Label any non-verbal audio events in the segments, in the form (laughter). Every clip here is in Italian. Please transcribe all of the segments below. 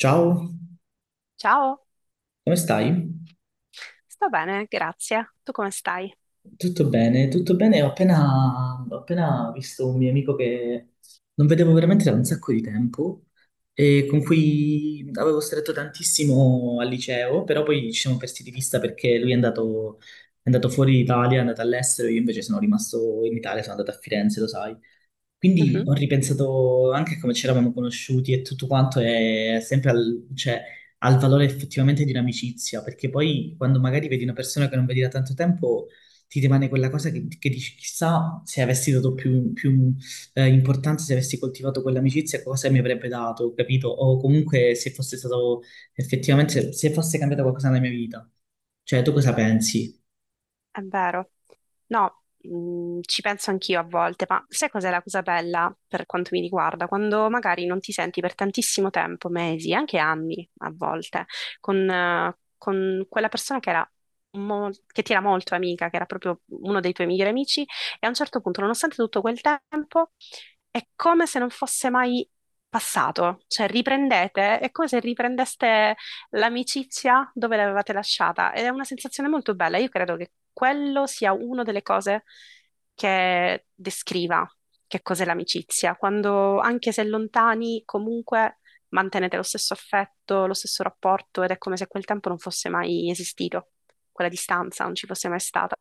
Ciao, Ciao, come stai? sto bene, grazie. Tu come stai? Tutto bene, tutto bene. Ho appena visto un mio amico che non vedevo veramente da un sacco di tempo e con cui avevo stretto tantissimo al liceo, però poi ci siamo persi di vista perché lui è andato fuori d'Italia, è andato all'estero, io invece sono rimasto in Italia, sono andato a Firenze, lo sai. Quindi Mhm. ho ripensato anche a come ci eravamo conosciuti e tutto quanto è sempre al, cioè, al valore effettivamente di un'amicizia, perché poi quando magari vedi una persona che non vedi da tanto tempo, ti rimane quella cosa che dici, chissà se avessi dato più importanza, se avessi coltivato quell'amicizia, cosa mi avrebbe dato, capito? O comunque se fosse stato effettivamente, se fosse cambiato qualcosa nella mia vita. Cioè, tu cosa pensi? È vero. No, ci penso anch'io a volte, ma sai cos'è la cosa bella per quanto mi riguarda? Quando magari non ti senti per tantissimo tempo, mesi, anche anni a volte, con quella persona che era che ti era molto amica, che era proprio uno dei tuoi migliori amici, e a un certo punto, nonostante tutto quel tempo, è come se non fosse mai passato, cioè riprendete, è come se riprendeste l'amicizia dove l'avevate lasciata ed è una sensazione molto bella. Io credo che quello sia una delle cose che descriva che cos'è l'amicizia, quando anche se lontani comunque mantenete lo stesso affetto, lo stesso rapporto ed è come se quel tempo non fosse mai esistito, quella distanza non ci fosse mai stata.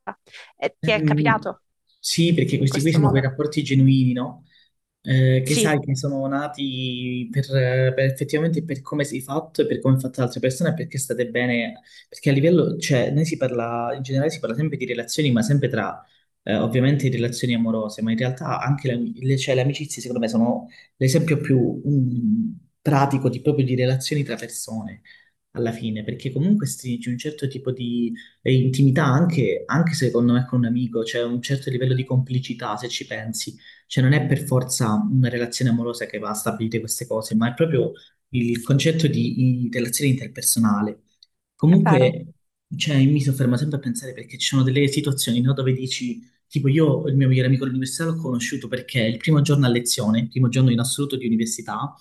E ti è Ehm, capitato sì, perché in questi qui questo sono quei modo? rapporti genuini, no? Che Sì, sai che sono nati per effettivamente per come sei fatto e per come è fatta l'altra persona e perché state bene, perché a livello, cioè, noi si parla, in generale si parla sempre di relazioni, ma sempre tra, ovviamente, relazioni amorose, ma in realtà anche cioè, le amicizie, secondo me, sono l'esempio più pratico di, proprio di relazioni tra persone. Alla fine, perché comunque stringi un certo tipo di intimità anche secondo me con un amico, cioè un certo livello di complicità, se ci pensi cioè non è per forza una relazione amorosa che va a stabilire queste cose, ma è proprio il concetto di relazione interpersonale. è vero. Comunque, cioè, mi soffermo sempre a pensare perché ci sono delle situazioni, no, dove dici, tipo io il mio migliore amico all'università l'ho conosciuto perché il primo giorno a lezione, il primo giorno in assoluto di università,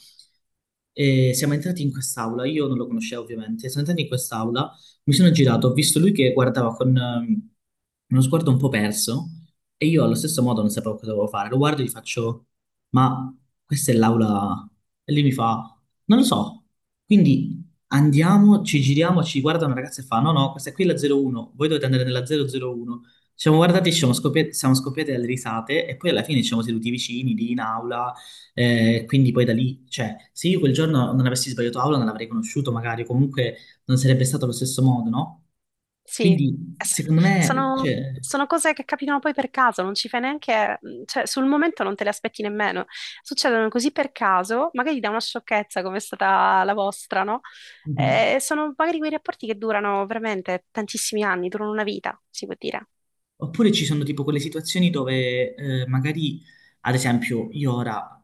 e siamo entrati in quest'aula, io non lo conoscevo ovviamente, siamo entrati in quest'aula, mi sono girato, ho visto lui che guardava con uno sguardo un po' perso e io allo stesso modo non sapevo cosa dovevo fare. Lo guardo e gli faccio, ma questa è l'aula. E lui mi fa, non lo so. Quindi andiamo, ci giriamo, ci guarda una ragazza e fa, no, no, questa qui è la 01, voi dovete andare nella 001. Ci siamo guardati, ci siamo scoppiati dalle risate e poi alla fine ci siamo seduti vicini, lì in aula. Quindi poi da lì, cioè, se io quel giorno non avessi sbagliato aula non l'avrei conosciuto magari, comunque non sarebbe stato allo stesso modo, no? Sì. Quindi, secondo me, Sono, cioè... sono cose che capitano poi per caso, non ci fai neanche, cioè sul momento non te le aspetti nemmeno. Succedono così per caso, magari da una sciocchezza come è stata la vostra, no? Mhm. Sono magari quei rapporti che durano veramente tantissimi anni, durano una vita, si può dire. Oppure ci sono tipo quelle situazioni dove magari, ad esempio, io ora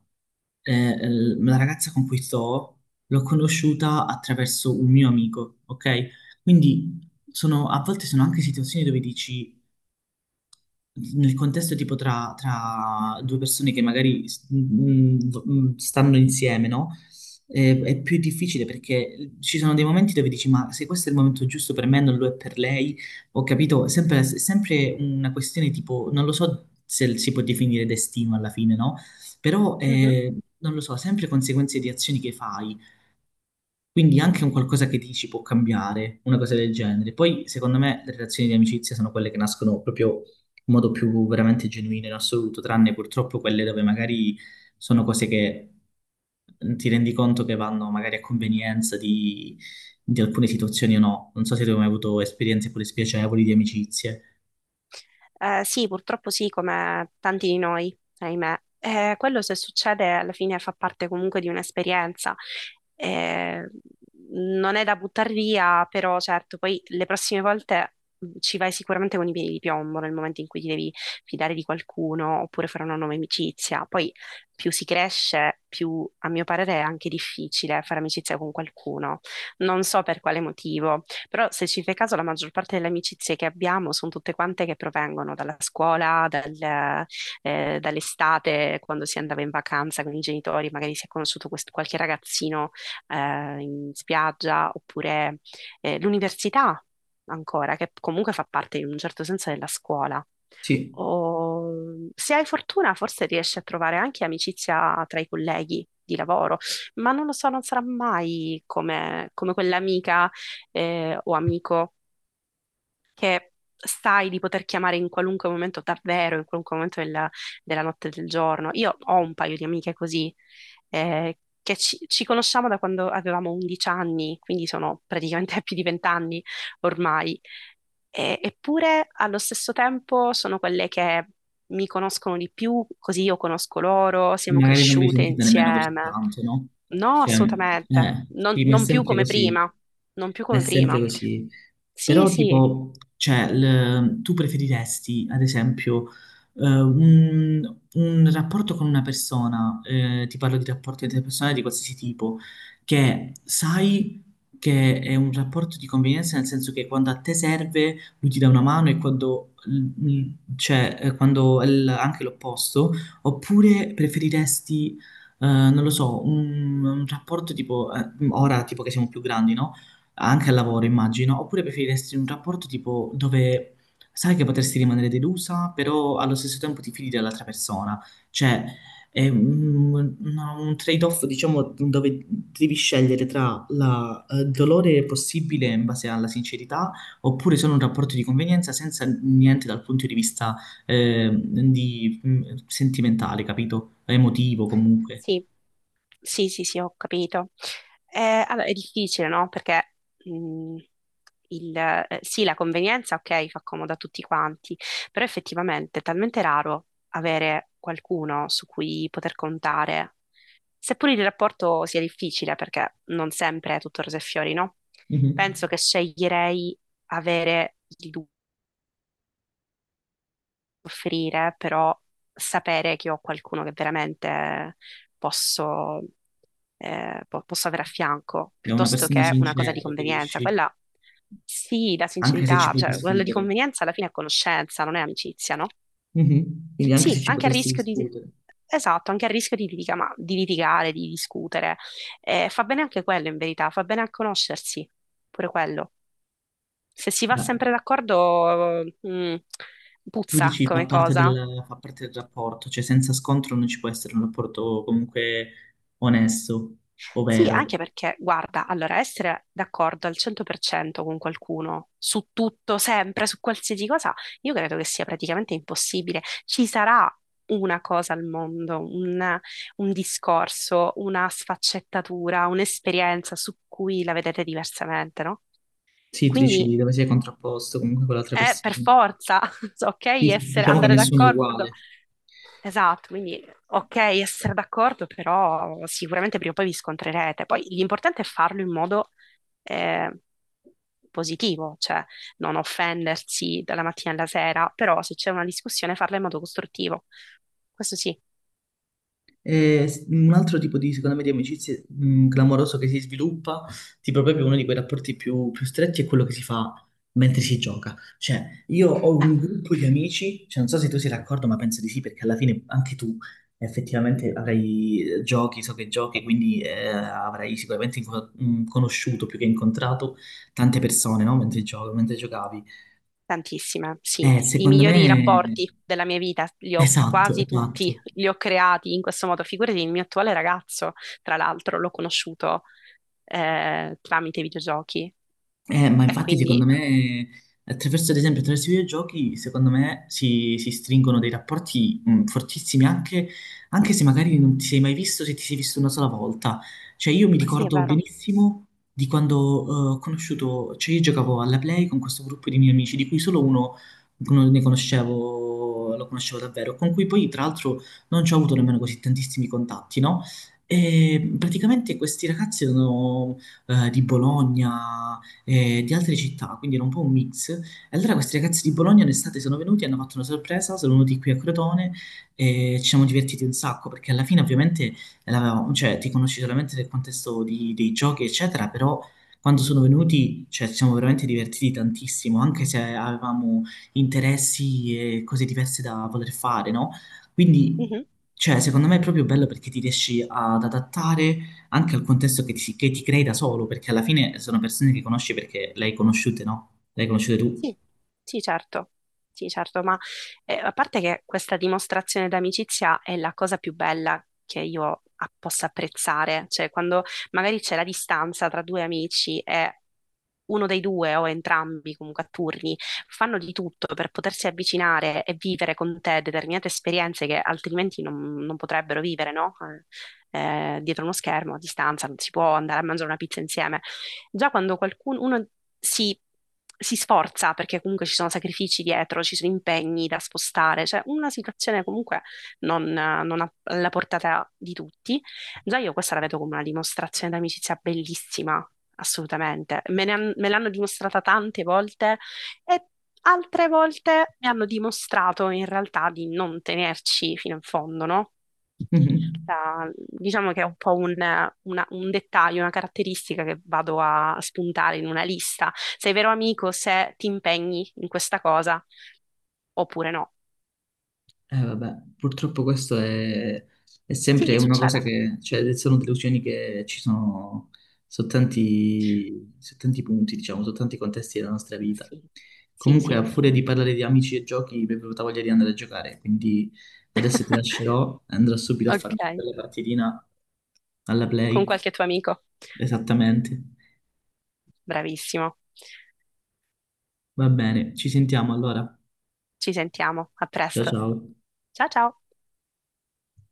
la ragazza con cui sto l'ho conosciuta attraverso un mio amico, ok? Quindi sono- a volte sono anche situazioni dove dici, nel contesto tipo tra due persone che magari mm, mm, stanno insieme, no? È, più difficile perché ci sono dei momenti dove dici, ma se questo è il momento giusto per me, non lo è per lei, ho capito, è sempre una questione tipo, non lo so se si può definire destino alla fine, no? Però, non lo so, sempre conseguenze di azioni che fai. Quindi anche un qualcosa che dici può cambiare, una cosa del genere. Poi, secondo me, le relazioni di amicizia sono quelle che nascono proprio in modo più veramente genuino in assoluto, tranne purtroppo quelle dove magari sono cose che ti rendi conto che vanno magari a convenienza di alcune situazioni o no. Non so se tu hai mai avuto esperienze pure spiacevoli di amicizie. Sì, purtroppo sì, come tanti di noi, ahimè. Quello se succede alla fine fa parte comunque di un'esperienza. Eh, Non è da buttare via, però certo, poi le prossime volte ci vai sicuramente con i piedi di piombo nel momento in cui ti devi fidare di qualcuno oppure fare una nuova amicizia. Poi più si cresce, più a mio parere è anche difficile fare amicizia con qualcuno. Non so per quale motivo. Però se ci fai caso, la maggior parte delle amicizie che abbiamo sono tutte quante che provengono dalla scuola, dall'estate, quando si andava in vacanza con i genitori, magari si è conosciuto qualche ragazzino eh, in spiaggia, oppure l'università ancora, che comunque fa parte in un certo senso della scuola, Sì. o se hai fortuna forse riesci a trovare anche amicizia tra i colleghi di lavoro, ma non lo so, non sarà mai come, come quell'amica o amico che sai di poter chiamare in qualunque momento, davvero, in qualunque momento della, della notte e del giorno. Io ho un paio di amiche così, eh, che ci, ci conosciamo da quando avevamo 11 anni, quindi sono praticamente (laughs) più di 20 anni ormai. Eppure allo stesso tempo sono quelle che mi conoscono di più, così io conosco loro, siamo Magari non vi cresciute sentite nemmeno così insieme. tanto, no? No, Cioè, assolutamente, non, sì, ma è non più sempre come così, prima, non più è come sempre prima. così. Sì, Però, sì, tipo, cioè, l- tu preferiresti, ad esempio, un rapporto con una persona, ti parlo di rapporti interpersonali di qualsiasi tipo, che sai che è un rapporto di convenienza, nel senso che quando a te serve lui ti dà una mano e quando, cioè, quando è l- anche l'opposto. Oppure preferiresti, non lo so, un rapporto tipo, ora tipo che siamo più grandi, no? Anche al lavoro, immagino. Oppure preferiresti un rapporto tipo dove sai che potresti rimanere delusa, però allo stesso tempo ti fidi dell'altra persona. Cioè, è un, una- un trade-off, diciamo, dove devi scegliere tra la- il dolore possibile in base alla sincerità oppure sono un rapporto di convenienza senza niente dal punto di vista sentimentale, capito? Emotivo comunque. sì. Sì, sì, sì, ho capito. Allora, è difficile, no? Perché mh, sì, la convenienza, ok, fa comodo a tutti quanti, però effettivamente è talmente raro avere qualcuno su cui poter contare, seppur il rapporto sia difficile, perché non sempre è tutto rose e fiori, no? Mhm. Penso che sceglierei avere il offrire, però sapere che ho qualcuno che veramente posso, posso avere a fianco, È una piuttosto persona che una cosa di sincera, convenienza. preferisci, Quella sì, la anche se ci sincerità, puoi cioè quella di discutere. convenienza alla fine è conoscenza, non è amicizia, no? Mhm. Quindi anche se Sì, ci anche a potresti rischio di... discutere, Esatto, anche a rischio di, di litigare, di discutere. Fa bene anche quello, in verità, fa bene a conoscersi, pure quello. Se si va beh, sempre d'accordo, tu puzza dici come cosa. Fa parte del rapporto, cioè senza scontro non ci può essere un rapporto comunque onesto, Sì, ovvero. anche perché, guarda, allora essere d'accordo al 100% con qualcuno su tutto, sempre, su qualsiasi cosa, io credo che sia praticamente impossibile. Ci sarà una cosa al mondo, un discorso, una sfaccettatura, un'esperienza su cui la vedete diversamente, no? Sì, tu Quindi dici dove sei contrapposto comunque con l'altra è persona. per forza, (laughs) so, ok, Sì, sì, essere, diciamo che andare nessuno è d'accordo. uguale. Esatto, quindi ok essere d'accordo, però sicuramente prima o poi vi scontrerete. Poi l'importante è farlo in modo eh, positivo, cioè non offendersi dalla mattina alla sera, però se c'è una discussione farla in modo costruttivo. Questo sì. E s- un altro tipo di, secondo me, di amicizie clamoroso che si sviluppa, tipo proprio uno di quei rapporti più, più stretti, è quello che si fa mentre si gioca. Cioè, io ho Eh, un gruppo di amici, cioè, non so se tu sei d'accordo, ma penso di sì, perché alla fine anche tu effettivamente avrai giochi, so che giochi, quindi avrai sicuramente conosciuto più che incontrato tante persone, no? Mentre mentre giocavi. tantissime, sì. I Secondo migliori me, rapporti della mia vita li ho esatto, quasi tutti, esatto. li ho creati in questo modo. Figurati, il mio attuale ragazzo, tra l'altro, l'ho conosciuto tramite videogiochi Ma e infatti secondo quindi... me, attraverso, ad esempio, attraverso i videogiochi, secondo me si stringono dei rapporti fortissimi, anche, anche se magari non ti sei mai visto, se ti sei visto una sola volta. Cioè io mi Sì, è ricordo vero. benissimo di quando ho conosciuto, cioè io giocavo alla Play con questo gruppo di miei amici, di cui solo uno non ne conoscevo, lo conoscevo davvero, con cui poi tra l'altro non ci ho avuto nemmeno così tantissimi contatti, no? E praticamente questi ragazzi erano di Bologna di altre città, quindi era un po' un mix. E allora questi ragazzi di Bologna in estate sono venuti, hanno fatto una sorpresa, sono venuti qui a Crotone e ci siamo divertiti un sacco, perché alla fine ovviamente l'avevamo- cioè, ti conosci solamente nel contesto di- dei giochi, eccetera, però quando sono venuti, cioè, ci siamo veramente divertiti tantissimo, anche se avevamo interessi e cose diverse da voler fare, no? Quindi, Mhm. cioè, secondo me è proprio bello perché ti riesci ad adattare anche al contesto che ti crei da solo, perché alla fine sono persone che conosci perché le hai conosciute, no? Le hai conosciute tu. Sì, sì, certo. Sì, certo, ma a parte che questa dimostrazione d'amicizia è la cosa più bella che io possa apprezzare, cioè quando magari c'è la distanza tra due amici e uno dei due o entrambi comunque a turni fanno di tutto per potersi avvicinare e vivere con te determinate esperienze che altrimenti non, non potrebbero vivere, no? Dietro uno schermo a distanza non si può andare a mangiare una pizza insieme. Già quando qualcuno uno si, si sforza, perché comunque ci sono sacrifici dietro, ci sono impegni da spostare, cioè una situazione comunque non a- alla portata di tutti, già io questa la vedo come una dimostrazione d'amicizia bellissima. Assolutamente, me l'hanno dimostrata tante volte e altre volte mi hanno dimostrato in realtà di non tenerci fino in fondo, no? Mhm. Diciamo che è un po' un dettaglio, una caratteristica che vado a spuntare in una lista. Sei vero amico se ti impegni in questa cosa oppure no. Vabbè, purtroppo questo è Sì, sempre una cosa succede. che, cioè, sono delusioni che ci sono su tanti punti, diciamo, su tanti contesti della nostra vita. Sì, sì, Comunque, sì. a furia di parlare di amici e giochi, mi è venuta voglia di andare a giocare, quindi adesso ti (laughs) lascerò e andrò subito a fare una Ok, bella partitina alla con play, qualche tuo amico. esattamente. Bravissimo. Va bene, ci sentiamo allora. Ci sentiamo. A Ciao presto. ciao. Ciao ciao.